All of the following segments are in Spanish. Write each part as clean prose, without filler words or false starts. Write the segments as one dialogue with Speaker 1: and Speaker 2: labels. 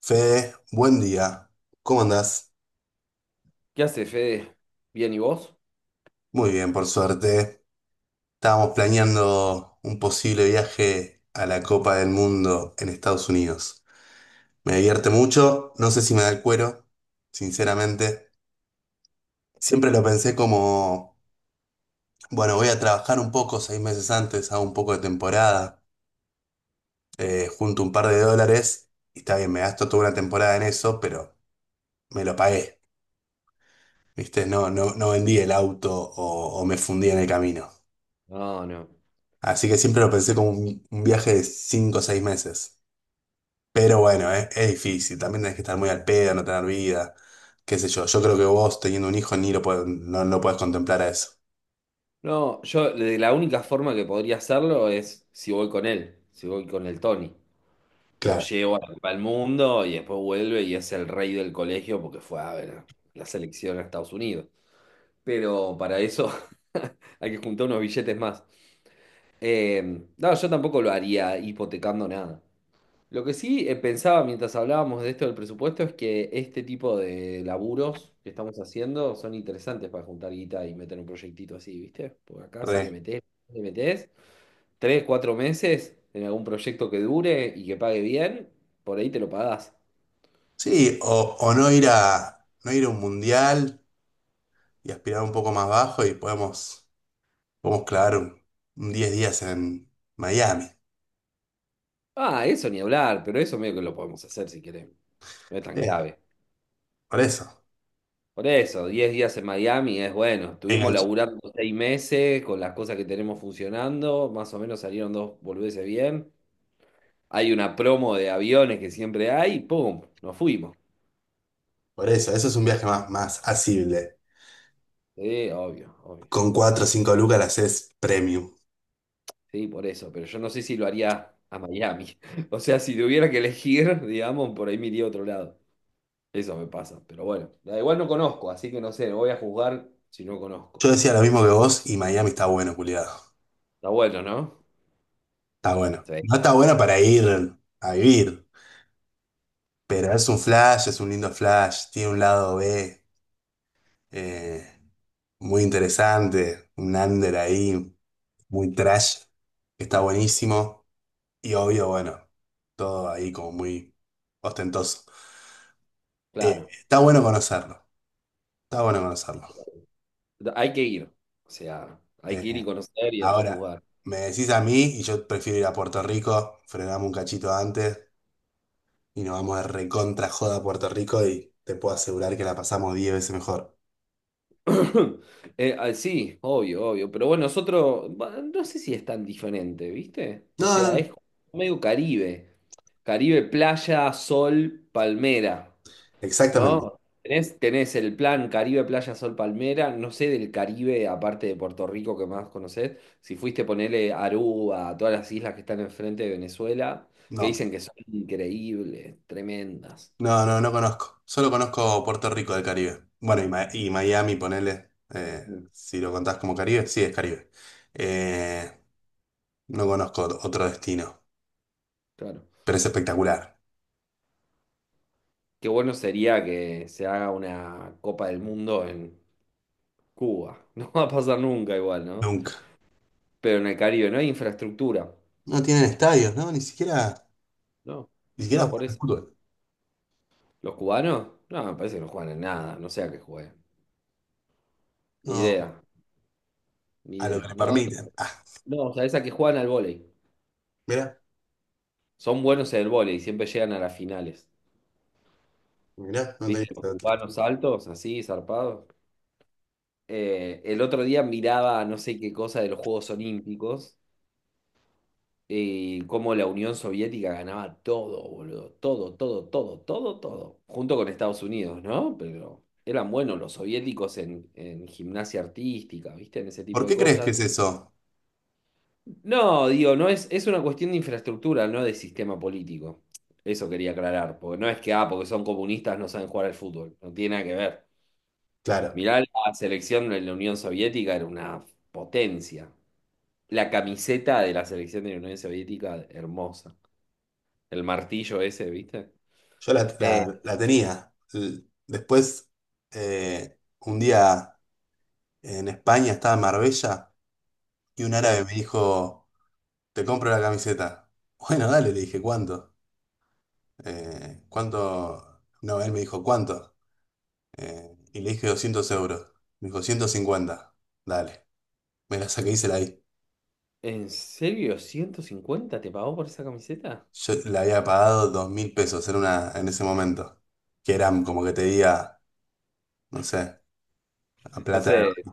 Speaker 1: Fede, buen día. ¿Cómo andás?
Speaker 2: ¿Qué hace, Fede? ¿Bien y vos?
Speaker 1: Muy bien, por suerte. Estábamos planeando un posible viaje a la Copa del Mundo en Estados Unidos. Me divierte mucho, no sé si me da el cuero, sinceramente. Siempre lo pensé como, bueno, voy a trabajar un poco 6 meses antes, hago un poco de temporada, junto un par de dólares, y está bien, me gasto toda una temporada en eso, pero me lo pagué. ¿Viste? No, no, no vendí el auto o me fundí en el camino.
Speaker 2: No, no.
Speaker 1: Así que siempre lo pensé como un viaje de 5 o 6 meses. Pero bueno, es difícil. También tenés que estar muy al pedo, no tener vida. Qué sé yo. Yo creo que vos teniendo un hijo ni lo puedes, no, no puedes contemplar a eso.
Speaker 2: No, yo de la única forma que podría hacerlo es si voy con él, si voy con el Tony. Lo
Speaker 1: Claro.
Speaker 2: llevo al la Mundo y después vuelve y es el rey del colegio porque fue a ver la selección a Estados Unidos. Pero para eso hay que juntar unos billetes más. Eh, no, yo tampoco lo haría hipotecando nada. Lo que sí pensaba mientras hablábamos de esto del presupuesto es que este tipo de laburos que estamos haciendo son interesantes para juntar guita y meter un proyectito así, ¿viste? Porque acá si le
Speaker 1: Re.
Speaker 2: metés, le metés 3, 4 meses en algún proyecto que dure y que pague bien, por ahí te lo pagás.
Speaker 1: Sí, o no ir a, no ir a un mundial y aspirar un poco más bajo y podemos, podemos clavar un 10 días en Miami.
Speaker 2: Ah, eso ni hablar, pero eso medio que lo podemos hacer si queremos. No es tan
Speaker 1: Sí,
Speaker 2: grave.
Speaker 1: por eso.
Speaker 2: Por eso, 10 días en Miami es bueno. Estuvimos
Speaker 1: Enganche.
Speaker 2: laburando 6 meses con las cosas que tenemos funcionando. Más o menos salieron dos boludeces bien. Hay una promo de aviones que siempre hay, ¡pum! Nos fuimos.
Speaker 1: Por eso, eso es un viaje más, más asible.
Speaker 2: Sí, obvio, obvio.
Speaker 1: Con 4 o 5 lucas la haces premium.
Speaker 2: Sí, por eso, pero yo no sé si lo haría a Miami. O sea, si tuviera que elegir, digamos, por ahí me iría a otro lado. Eso me pasa, pero bueno. Da igual no conozco, así que no sé, no voy a juzgar si no conozco.
Speaker 1: Yo decía lo mismo que vos y Miami está bueno, culiado.
Speaker 2: Está bueno, ¿no?
Speaker 1: Está bueno.
Speaker 2: Sí,
Speaker 1: No está bueno para ir a vivir, pero es un flash, es un lindo flash. Tiene un lado B eh, muy interesante, un under ahí, muy trash, que está buenísimo. Y obvio, bueno, todo ahí como muy ostentoso. Eh,
Speaker 2: claro.
Speaker 1: está bueno conocerlo, está bueno conocerlo.
Speaker 2: Hay que ir. O sea, hay que ir y
Speaker 1: Eh,
Speaker 2: conocer y después
Speaker 1: ahora,
Speaker 2: juzgar.
Speaker 1: me decís a mí y yo prefiero ir a Puerto Rico, frenamos un cachito antes y nos vamos de recontra joda a Puerto Rico y te puedo asegurar que la pasamos 10 veces mejor.
Speaker 2: Sí, obvio, obvio. Pero bueno, es otro. No sé si es tan diferente, ¿viste?
Speaker 1: No,
Speaker 2: O
Speaker 1: no,
Speaker 2: sea, es
Speaker 1: no,
Speaker 2: medio Caribe. Caribe, playa, sol, palmera,
Speaker 1: exactamente.
Speaker 2: ¿no? Tenés, tenés el plan Caribe, playa, sol, palmera. No sé del Caribe, aparte de Puerto Rico, que más conocés. Si fuiste, a ponerle Aruba, a todas las islas que están enfrente de Venezuela, que
Speaker 1: No,
Speaker 2: dicen que son increíbles, tremendas.
Speaker 1: no, no, no conozco. Solo conozco Puerto Rico del Caribe. Bueno, y, y Miami, ponele,
Speaker 2: Mm,
Speaker 1: si lo contás como Caribe, sí es Caribe. Eh, no conozco otro destino,
Speaker 2: claro.
Speaker 1: pero es espectacular.
Speaker 2: Qué bueno sería que se haga una Copa del Mundo en. Cuba. No va a pasar nunca igual, ¿no?
Speaker 1: Nunca.
Speaker 2: Pero en el Caribe no hay infraestructura.
Speaker 1: No tienen estadios, ¿no? Ni siquiera,
Speaker 2: No,
Speaker 1: ni siquiera
Speaker 2: no, por
Speaker 1: juegan al
Speaker 2: eso.
Speaker 1: fútbol.
Speaker 2: ¿Los cubanos? No, me parece que no juegan en nada. No sé a qué juegan. Ni
Speaker 1: No,
Speaker 2: idea, ni
Speaker 1: a lo
Speaker 2: idea.
Speaker 1: que le
Speaker 2: No,
Speaker 1: permiten. Ah,
Speaker 2: no, o sea, esa que juegan al vóley.
Speaker 1: mirá,
Speaker 2: Son buenos en el vóley, siempre llegan a las finales.
Speaker 1: mirá, no tenía
Speaker 2: ¿Viste? Los
Speaker 1: este otro.
Speaker 2: cubanos altos, así, zarpados. El otro día miraba no sé qué cosa de los Juegos Olímpicos y cómo la Unión Soviética ganaba todo, boludo. Todo, todo, todo, todo, todo. Junto con Estados Unidos, ¿no? Pero eran buenos los soviéticos en gimnasia artística, ¿viste? En ese tipo
Speaker 1: ¿Por
Speaker 2: de
Speaker 1: qué crees que
Speaker 2: cosas.
Speaker 1: es eso?
Speaker 2: No, digo, no es, es una cuestión de infraestructura, no de sistema político. Eso quería aclarar, porque no es que, ah, porque son comunistas no saben jugar al fútbol. No tiene nada que ver.
Speaker 1: Claro.
Speaker 2: Mirá, la selección de la Unión Soviética era una potencia. La camiseta de la selección de la Unión Soviética, hermosa. El martillo ese, ¿viste?
Speaker 1: Yo la,
Speaker 2: Eh,
Speaker 1: la tenía. Después, un día en España estaba en Marbella y un árabe
Speaker 2: sí.
Speaker 1: me dijo, te compro la camiseta. Bueno, dale, le dije, ¿cuánto? ¿Cuánto? No, él me dijo, ¿cuánto? Y le dije 200 euros. Me dijo, 150. Dale. Me la saqué y se la di.
Speaker 2: ¿En serio? ¿150 te pagó por esa camiseta?
Speaker 1: Yo le había pagado 2000 pesos en, una, en ese momento. Que eran como que te diga, no sé, a
Speaker 2: No
Speaker 1: plata.
Speaker 2: sé,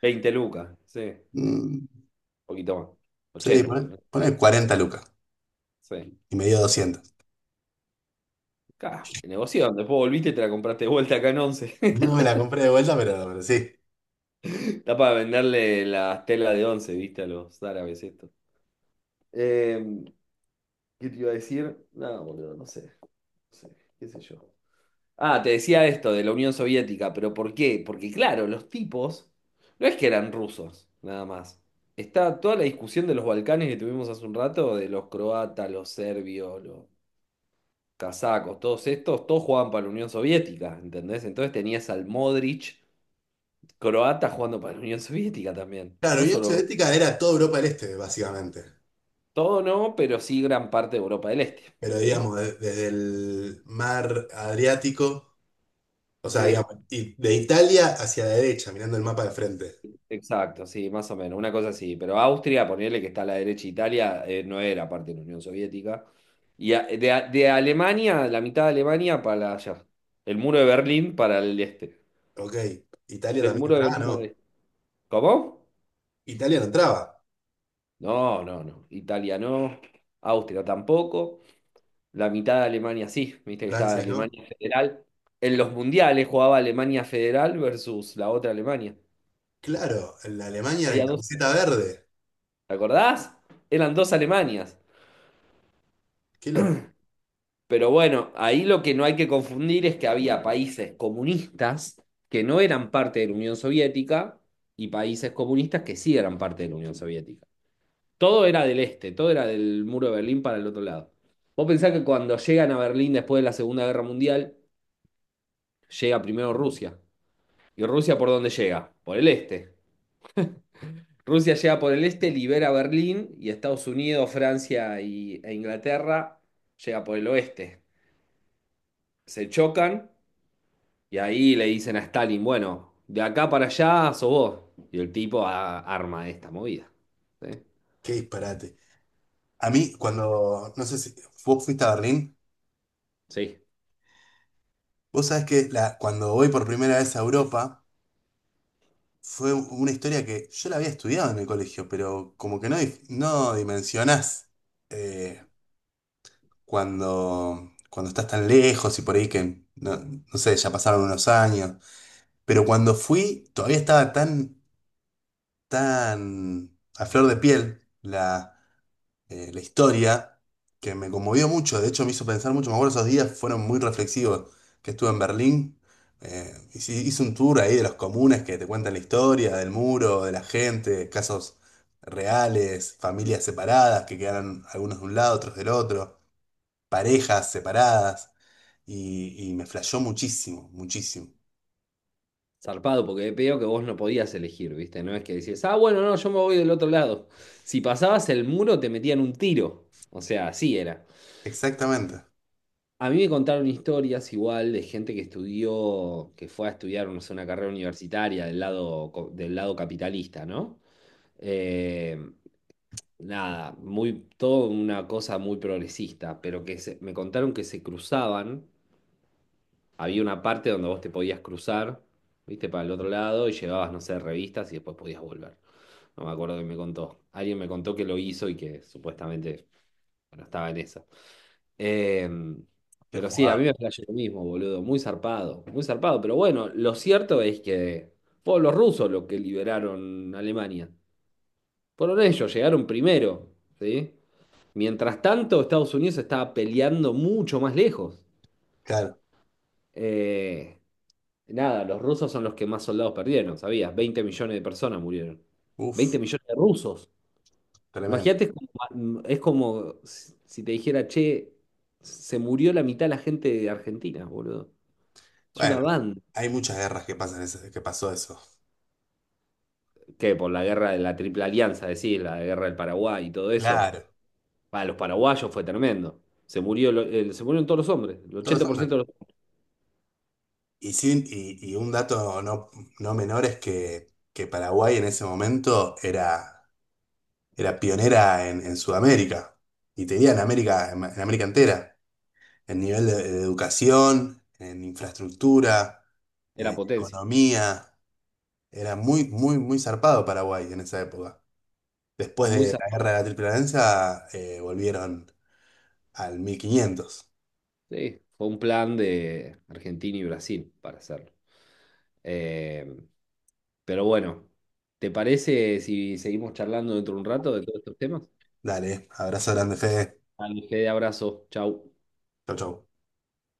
Speaker 2: 20 lucas, sí. Un
Speaker 1: Mm,
Speaker 2: poquito más.
Speaker 1: sí,
Speaker 2: 80
Speaker 1: poné,
Speaker 2: por ahí.
Speaker 1: poné 40 lucas.
Speaker 2: Sí.
Speaker 1: Y me dio 200.
Speaker 2: Acá, negoción. Después volviste y te la compraste de vuelta acá en once.
Speaker 1: No me la compré de vuelta, pero sí.
Speaker 2: Está para venderle las telas de once, ¿viste? A los árabes esto. Eh, ¿Qué te iba a decir? No, boludo, no sé. No sé, qué sé yo. Ah, te decía esto de la Unión Soviética, pero ¿por qué? Porque claro, los tipos no es que eran rusos, nada más. Está toda la discusión de los Balcanes que tuvimos hace un rato, de los croatas, los serbios, los casacos, todos estos, todos jugaban para la Unión Soviética, ¿entendés? Entonces tenías al Modric croata jugando para la Unión Soviética también.
Speaker 1: Claro, Unión Soviética era toda Europa del Este, básicamente.
Speaker 2: Todo no, pero sí gran parte de Europa del Este,
Speaker 1: Pero
Speaker 2: ¿sí?
Speaker 1: digamos, desde el mar Adriático, o sea,
Speaker 2: Sí.
Speaker 1: digamos, y de Italia hacia la derecha, mirando el mapa de frente.
Speaker 2: Exacto, sí, más o menos, una cosa así. Pero Austria, ponerle que está a la derecha, Italia no era parte de la Unión Soviética. Y de Alemania, la mitad de Alemania para allá. El muro de Berlín para el este.
Speaker 1: Ok, Italia
Speaker 2: Del
Speaker 1: también
Speaker 2: muro de
Speaker 1: entraba,
Speaker 2: Berlín para el
Speaker 1: ¿no?
Speaker 2: este. ¿Cómo?
Speaker 1: Italia no entraba,
Speaker 2: No, no, no. Italia no. Austria tampoco. La mitad de Alemania sí. Viste que estaba
Speaker 1: Francia no.
Speaker 2: Alemania Federal. En los mundiales jugaba Alemania Federal versus la otra Alemania.
Speaker 1: Claro, la Alemania de
Speaker 2: Había dos.
Speaker 1: camiseta verde.
Speaker 2: ¿Te acordás? Eran dos Alemanias.
Speaker 1: Qué lo,
Speaker 2: Pero bueno, ahí lo que no hay que confundir es que había países comunistas que no eran parte de la Unión Soviética y países comunistas que sí eran parte de la Unión Soviética. Todo era del este, todo era del muro de Berlín para el otro lado. Vos pensás que cuando llegan a Berlín después de la Segunda Guerra Mundial, llega primero Rusia. ¿Y Rusia por dónde llega? Por el este. Rusia llega por el este, libera Berlín y Estados Unidos, Francia e Inglaterra llega por el oeste. Se chocan. Y ahí le dicen a Stalin, bueno, de acá para allá sos vos. Y el tipo arma esta movida. ¿Sí?
Speaker 1: qué disparate. A mí, cuando, no sé si vos fuiste a Berlín,
Speaker 2: Sí,
Speaker 1: vos sabés que la, cuando voy por primera vez a Europa, fue una historia que yo la había estudiado en el colegio, pero como que no, no dimensionás eh, cuando, cuando estás tan lejos y por ahí que, no, no sé, ya pasaron unos años. Pero cuando fui, todavía estaba tan, tan a flor de piel la, la historia, que me conmovió mucho, de hecho me hizo pensar mucho, me acuerdo esos días fueron muy reflexivos, que estuve en Berlín, hice, hice un tour ahí de los comunes que te cuentan la historia, del muro, de la gente, casos reales, familias separadas que quedaron algunos de un lado, otros del otro, parejas separadas, y me flashó muchísimo, muchísimo.
Speaker 2: zarpado, porque veo que vos no podías elegir, ¿viste? No es que decías, ah, bueno, no, yo me voy del otro lado. Si pasabas el muro te metían un tiro. O sea, así era.
Speaker 1: Exactamente.
Speaker 2: A mí me contaron historias igual de gente que estudió, que fue a estudiar, no sé, una carrera universitaria del lado, del lado capitalista, ¿no? Eh, nada, muy, todo una cosa muy progresista, pero me contaron que se cruzaban, había una parte donde vos te podías cruzar, viste, para el otro lado y llevabas, no sé, revistas y después podías volver. No me acuerdo que me contó. Alguien me contó que lo hizo y que supuestamente, bueno, estaba en esa. Eh,
Speaker 1: Qué
Speaker 2: pero sí, a mí
Speaker 1: jugado.
Speaker 2: me flasheó lo mismo, boludo, muy zarpado, pero bueno, lo cierto es que fueron los rusos los que liberaron Alemania. Fueron ellos, llegaron primero, ¿sí? Mientras tanto, Estados Unidos estaba peleando mucho más lejos.
Speaker 1: Claro.
Speaker 2: Eh, nada, los rusos son los que más soldados perdieron, ¿sabías? 20 millones de personas murieron.
Speaker 1: Uf,
Speaker 2: 20 millones de rusos.
Speaker 1: tremendo.
Speaker 2: Imagínate, es como si te dijera, che, se murió la mitad de la gente de Argentina, boludo. Es una
Speaker 1: Bueno,
Speaker 2: banda.
Speaker 1: hay muchas guerras que pasan, que pasó eso.
Speaker 2: Que por la guerra de la Triple Alianza, decís, la guerra del Paraguay y todo eso.
Speaker 1: Claro.
Speaker 2: Para los paraguayos fue tremendo. Se murió, se murieron todos los hombres. El
Speaker 1: Todos son.
Speaker 2: 80% de los-
Speaker 1: Y sí, y un dato no, no menor es que Paraguay en ese momento era, era pionera en Sudamérica y tenía en, América entera, en nivel de educación, en infraestructura,
Speaker 2: era
Speaker 1: en
Speaker 2: potencia.
Speaker 1: economía. Era muy, muy, muy zarpado Paraguay en esa época. Después
Speaker 2: Muy
Speaker 1: de
Speaker 2: sa-
Speaker 1: la guerra de la Triple Alianza, volvieron al mil quinientos.
Speaker 2: Sí, fue un plan de Argentina y Brasil para hacerlo. Eh, pero bueno, ¿te parece si seguimos charlando dentro de un rato de todos estos temas?
Speaker 1: Dale, abrazo grande, Fede.
Speaker 2: Dale, de abrazo. Chau.
Speaker 1: Chau, chau.